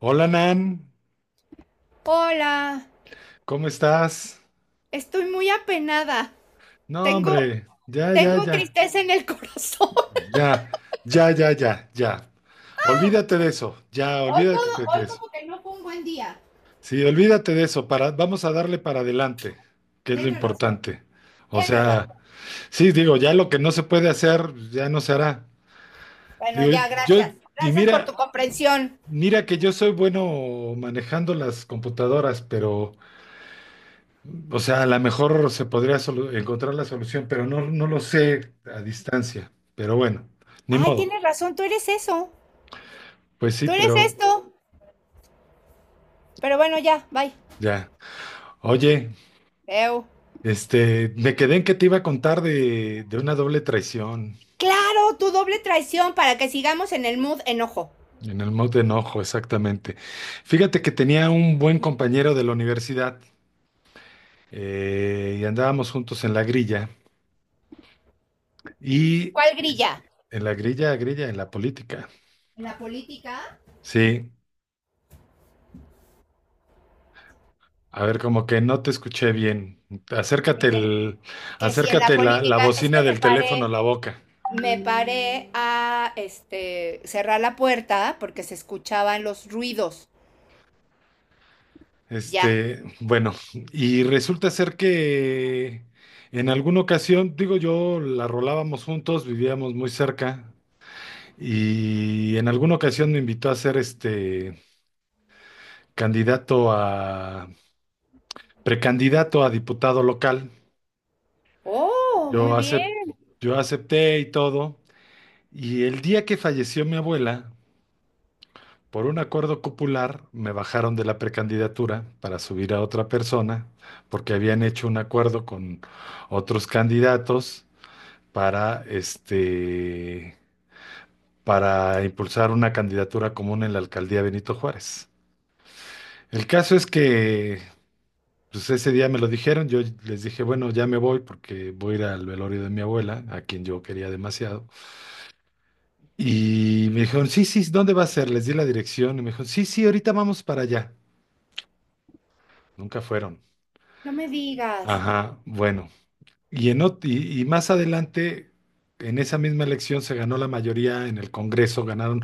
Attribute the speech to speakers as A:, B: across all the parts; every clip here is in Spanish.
A: Hola Nan,
B: Hola,
A: ¿cómo estás?
B: estoy muy apenada.
A: No,
B: Tengo,
A: hombre, ya, ya,
B: tengo
A: ya,
B: tristeza en el corazón.
A: ya, ya, ya, ya, ya. Olvídate de eso, ya, olvídate de
B: Hoy
A: eso.
B: como que no fue un buen día.
A: Sí, olvídate de eso, para, vamos a darle para adelante, que es lo
B: Tienes razón,
A: importante. O
B: tienes
A: sea,
B: razón.
A: sí, digo, ya lo que no se puede hacer, ya no se hará.
B: Bueno,
A: Digo,
B: ya,
A: yo,
B: gracias.
A: y
B: Gracias por tu
A: mira,
B: comprensión.
A: mira que yo soy bueno manejando las computadoras, pero o sea, a lo mejor se podría encontrar la solución, pero no, no lo sé a distancia. Pero bueno, ni
B: Ay,
A: modo.
B: tienes razón, tú eres eso.
A: Pues sí,
B: Tú eres
A: pero
B: esto. Pero bueno, ya, bye.
A: ya. Oye,
B: Veo.
A: me quedé en que te iba a contar de una doble traición
B: Claro, tu doble traición para que sigamos en el mood enojo.
A: en el Maut de enojo, exactamente. Fíjate que tenía un buen compañero de la universidad y andábamos juntos en la grilla y
B: ¿Cuál grilla?
A: en la grilla, grilla, en la política.
B: ¿En la política?
A: Sí. A ver, como que no te escuché bien. Acércate
B: Que,
A: el,
B: que si en la
A: acércate la
B: política, es que
A: bocina
B: me
A: del teléfono
B: paré
A: a la boca.
B: a cerrar la puerta porque se escuchaban los ruidos. Ya.
A: Bueno, y resulta ser que en alguna ocasión, digo yo, la rolábamos juntos, vivíamos muy cerca, y en alguna ocasión me invitó a ser candidato a, precandidato a diputado local.
B: Oh, muy
A: Yo acep-
B: bien.
A: yo acepté y todo, y el día que falleció mi abuela, por un acuerdo popular me bajaron de la precandidatura para subir a otra persona porque habían hecho un acuerdo con otros candidatos para este para impulsar una candidatura común en la alcaldía Benito Juárez. El caso es que pues ese día me lo dijeron, yo les dije, bueno, ya me voy porque voy a ir al velorio de mi abuela, a quien yo quería demasiado. Y me dijeron, sí, sí, ¿dónde va a ser? Les di la dirección y me dijeron, sí, sí, ahorita vamos para allá. Nunca fueron.
B: No me digas.
A: Ajá, bueno. Y más adelante, en esa misma elección se ganó la mayoría en el Congreso, ganaron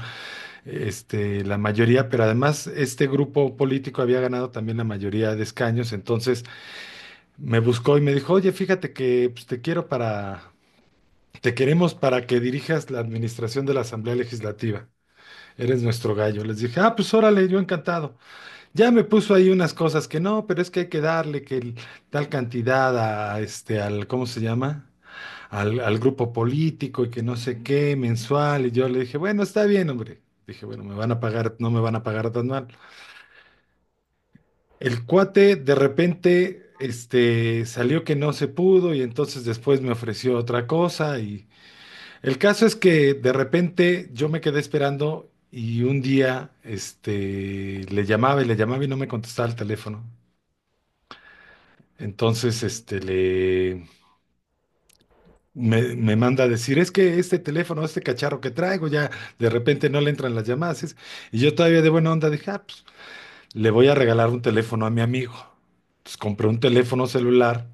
A: la mayoría, pero además este grupo político había ganado también la mayoría de escaños, entonces me buscó y me dijo, oye, fíjate que pues, te queremos para que dirijas la administración de la Asamblea Legislativa. Eres nuestro gallo. Les dije, ah, pues órale, yo encantado. Ya me puso ahí unas cosas que no, pero es que hay que darle que tal cantidad a ¿cómo se llama? Al, al grupo político y que no sé qué, mensual. Y yo le dije, bueno, está bien, hombre. Dije, bueno, me van a pagar, no me van a pagar tan mal. El cuate de repente, salió que no se pudo y entonces después me ofreció otra cosa. Y el caso es que de repente yo me quedé esperando y un día, este, le llamaba y no me contestaba el teléfono. Entonces, me, me manda a decir, es que este teléfono, este cacharro que traigo, ya de repente no le entran las llamadas. Y yo todavía de buena onda dije, ah, pues, le voy a regalar un teléfono a mi amigo. Entonces compré un teléfono celular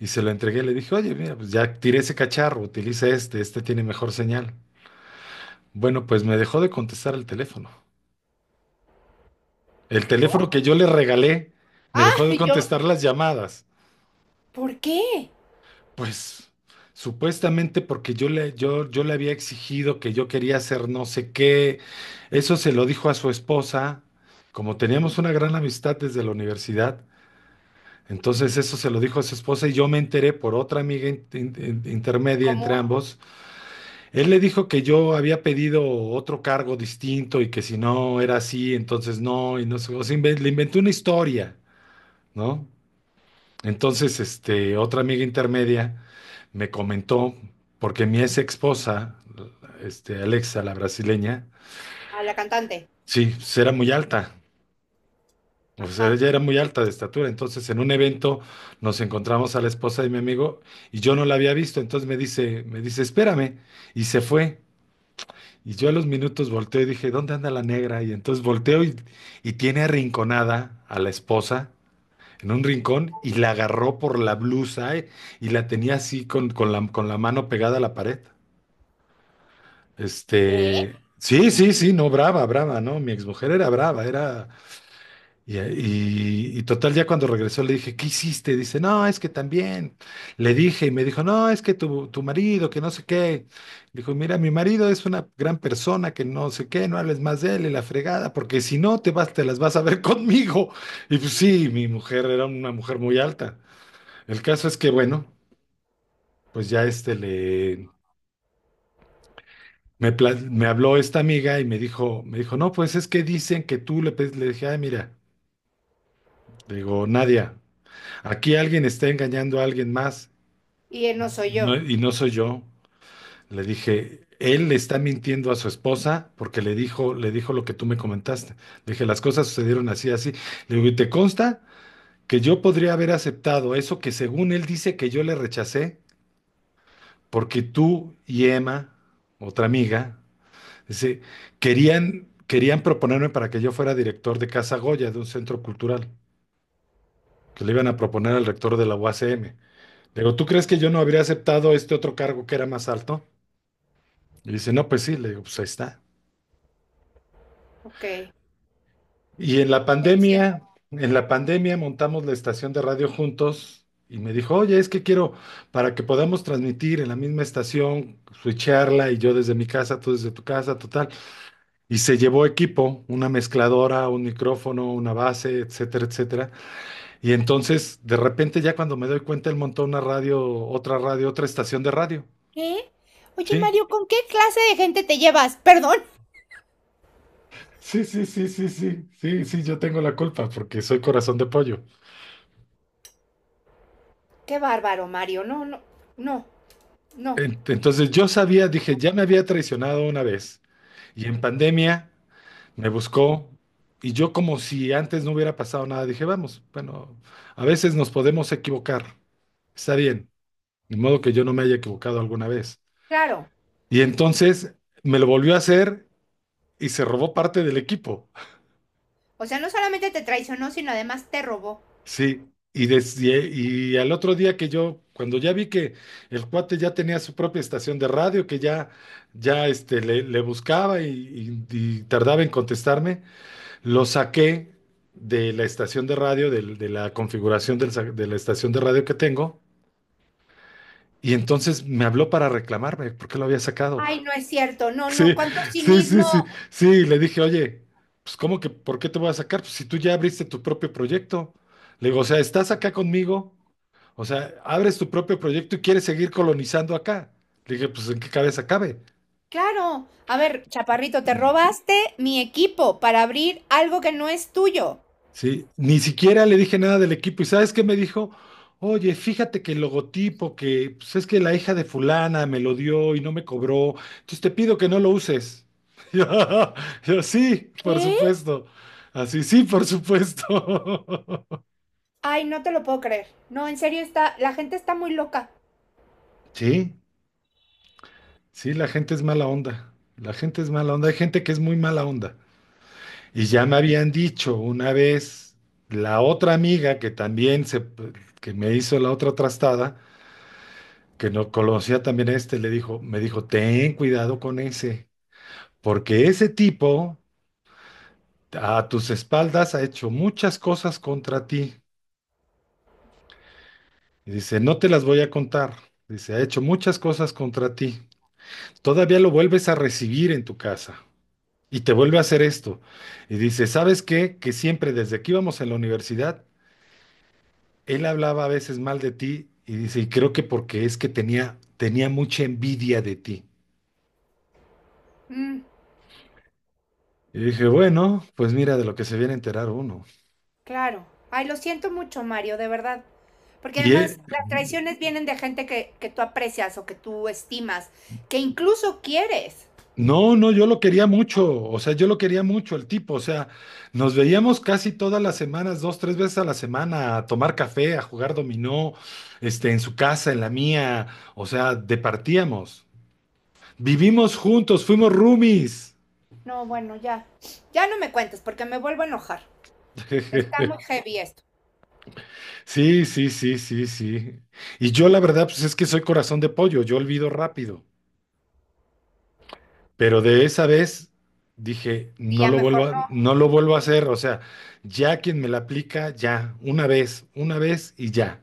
A: y se lo entregué. Le dije, oye, mira, pues ya tiré ese cacharro, utiliza este, este tiene mejor señal. Bueno, pues me dejó de contestar el teléfono. El
B: ¿Por?
A: teléfono que yo le regalé me
B: Ah,
A: dejó de
B: y yo.
A: contestar las llamadas.
B: ¿Por qué?
A: Pues supuestamente porque yo le había exigido que yo quería hacer no sé qué, eso se lo dijo a su esposa, como teníamos una gran amistad desde la universidad, entonces eso se lo dijo a su esposa y yo me enteré por otra amiga intermedia entre
B: Común
A: ambos. Él le dijo que yo había pedido otro cargo distinto y que si no era así, entonces no, y no sé, o sea, le inventé una historia, ¿no? Entonces, otra amiga intermedia me comentó, porque mi ex esposa, Alexa, la brasileña,
B: a la cantante.
A: sí, pues era muy alta. O sea, ella
B: Ajá.
A: era muy alta de estatura. Entonces, en un evento nos encontramos a la esposa de mi amigo y yo no la había visto. Entonces espérame. Y se fue. Y yo a los minutos volteo y dije, ¿dónde anda la negra? Y entonces volteo y tiene arrinconada a la esposa en un rincón y la agarró por la blusa y la tenía así con la mano pegada a la pared.
B: ¿Qué?
A: Sí, sí, sí, no, brava, brava, ¿no? Mi exmujer era brava, era... Y total, ya cuando regresó le dije, ¿qué hiciste? Dice, no, es que también. Le dije y me dijo, no, es que tu marido, que no sé qué. Dijo, mira, mi marido es una gran persona, que no sé qué, no hables más de él y la fregada, porque si no, te vas, te las vas a ver conmigo. Y pues sí, mi mujer era una mujer muy alta. El caso es que, bueno, pues ya Me, me habló esta amiga y no, pues es que dicen que tú le pediste, le dije, ay, mira, le digo, Nadia, aquí alguien está engañando a alguien más
B: Y él no soy yo.
A: y no soy yo. Le dije, él le está mintiendo a su esposa porque le dijo lo que tú me comentaste. Le dije, las cosas sucedieron así, así. Le digo, ¿y te consta que yo podría haber aceptado eso que según él dice que yo le rechacé? Porque tú y Emma, otra amiga, sí, querían proponerme para que yo fuera director de Casa Goya, de un centro cultural, que le iban a proponer al rector de la UACM. Le digo, ¿tú crees que yo no habría aceptado este otro cargo que era más alto? Y dice, no, pues sí, le digo, pues ahí está.
B: Ok. Lo
A: Y
B: siento.
A: en la pandemia montamos la estación de radio juntos y me dijo, oye, es que quiero, para que podamos transmitir en la misma estación, switcharla y yo desde mi casa, tú desde tu casa, total. Y se llevó equipo, una mezcladora, un micrófono, una base, etcétera, etcétera. Y entonces, de repente, ya cuando me doy cuenta, él montó una radio, otra estación de radio.
B: ¿Qué? Oye,
A: Sí.
B: Mario, ¿con qué clase de gente te llevas? Perdón.
A: Sí, sí, sí, sí, sí, sí, sí, yo tengo la culpa porque soy corazón de pollo.
B: Qué bárbaro, Mario. No, no, no, no.
A: En- Entonces yo sabía, dije, ya me había traicionado una vez y en pandemia me buscó y yo como si antes no hubiera pasado nada, dije, vamos, bueno, a veces nos podemos equivocar, está bien, de modo que yo no me haya equivocado alguna vez.
B: Claro.
A: Y entonces me lo volvió a hacer y se robó parte del equipo.
B: O sea, no solamente te traicionó, sino además te robó.
A: Sí, y, desde, y al otro día que yo, cuando ya vi que el cuate ya tenía su propia estación de radio, que ya, ya le buscaba y, y tardaba en contestarme, lo saqué de la estación de radio, la configuración de la estación de radio que tengo, y entonces me habló para reclamarme por qué lo había sacado.
B: Ay, no es cierto, no, no,
A: Sí,
B: cuánto
A: sí, sí,
B: cinismo.
A: sí, sí, y le dije, oye, pues ¿cómo que por qué te voy a sacar? Pues si tú ya abriste tu propio proyecto. Le digo, o sea, estás acá conmigo, o sea, abres tu propio proyecto y quieres seguir colonizando acá. Le dije, pues, ¿en qué cabeza cabe?
B: Claro, a ver, chaparrito, te robaste mi equipo para abrir algo que no es tuyo.
A: Sí, ni siquiera le dije nada del equipo. ¿Y sabes qué me dijo? Oye, fíjate que el logotipo, que pues es que la hija de fulana me lo dio y no me cobró. Entonces te pido que no lo uses. Yo, yo, sí, por
B: ¿Qué?
A: supuesto. Así, sí, por supuesto.
B: Ay, no te lo puedo creer. No, en serio está, la gente está muy loca.
A: Sí, sí, la gente es mala onda. La gente es mala onda. Hay gente que es muy mala onda. Y ya me habían dicho una vez la otra amiga que también se, que me hizo la otra trastada, que no conocía también a este, le dijo, me dijo, ten cuidado con ese, porque ese tipo a tus espaldas ha hecho muchas cosas contra ti. Y dice, no te las voy a contar. Dice, ha hecho muchas cosas contra ti. Todavía lo vuelves a recibir en tu casa y te vuelve a hacer esto. Y dice, ¿sabes qué? Que siempre desde que íbamos en la universidad él hablaba a veces mal de ti y dice, y creo que porque es que tenía mucha envidia de ti.
B: Mm,
A: Y dije, bueno, pues mira de lo que se viene a enterar uno.
B: claro. Ay, lo siento mucho, Mario, de verdad. Porque
A: Y
B: además las traiciones vienen de gente que tú aprecias o que tú estimas, que incluso quieres.
A: no, no, yo lo quería mucho, o sea, yo lo quería mucho el tipo, o sea, nos veíamos casi todas las semanas, dos, tres veces a la semana, a tomar café, a jugar dominó, en su casa, en la mía, o sea, departíamos. Vivimos juntos, fuimos roomies.
B: No, bueno, ya. Ya no me cuentes porque me vuelvo a enojar. Está muy heavy esto.
A: Sí, sí, sí, sí, sí. Y yo la verdad, pues es que soy corazón de pollo, yo olvido rápido. Pero de esa vez dije,
B: Y ya mejor no.
A: no lo vuelvo a hacer. O sea, ya quien me la aplica, ya, una vez y ya.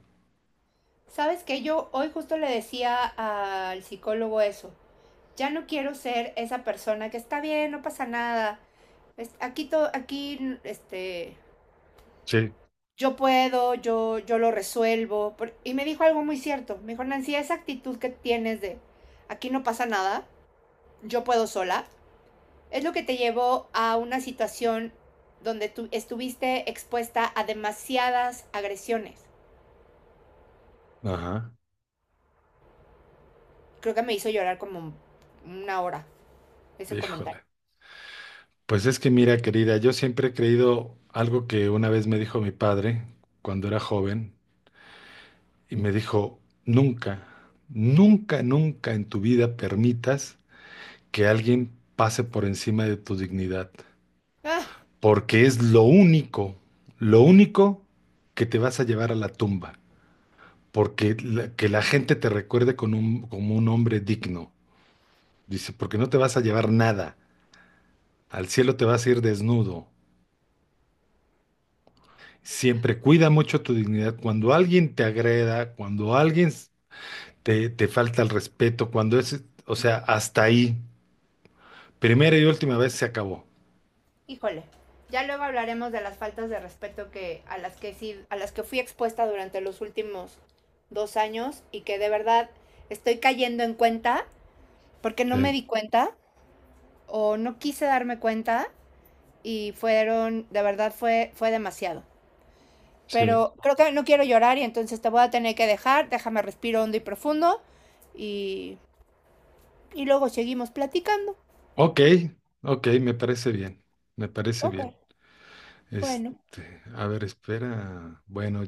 B: Sabes que yo hoy justo le decía al psicólogo eso. Ya no quiero ser esa persona que está bien, no pasa nada. Aquí todo, aquí,
A: Sí.
B: yo puedo, yo lo resuelvo. Y me dijo algo muy cierto. Me dijo, Nancy, esa actitud que tienes de aquí no pasa nada, yo puedo sola, es lo que te llevó a una situación donde tú estuviste expuesta a demasiadas agresiones.
A: Ajá.
B: Creo que me hizo llorar como una hora ese comentario.
A: Híjole. Pues es que mira, querida, yo siempre he creído algo que una vez me dijo mi padre cuando era joven, y me dijo, nunca, nunca, nunca en tu vida permitas que alguien pase por encima de tu dignidad,
B: Ah,
A: porque es lo único que te vas a llevar a la tumba, porque que la gente te recuerde con un, como un hombre digno. Dice, porque no te vas a llevar nada, al cielo te vas a ir desnudo. Siempre cuida mucho tu dignidad. Cuando alguien te agreda, cuando alguien te falta el respeto, cuando es, o sea, hasta ahí, primera y última vez se acabó.
B: híjole. Ya luego hablaremos de las faltas de respeto que a las que sí, a las que fui expuesta durante los últimos 2 años y que de verdad estoy cayendo en cuenta porque no me
A: Sí,
B: di cuenta o no quise darme cuenta y de verdad fue demasiado.
A: sí.
B: Pero creo que no quiero llorar y entonces te voy a tener que dejar. Déjame respiro hondo y profundo y, y luego seguimos platicando.
A: Ok, ok, me parece bien, me parece
B: Ok,
A: bien.
B: bueno,
A: A ver, espera. Bueno,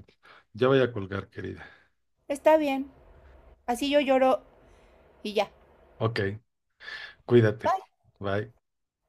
A: ya voy a colgar, querida.
B: está bien. Así yo lloro y ya.
A: Ok, cuídate.
B: Bye.
A: Bye.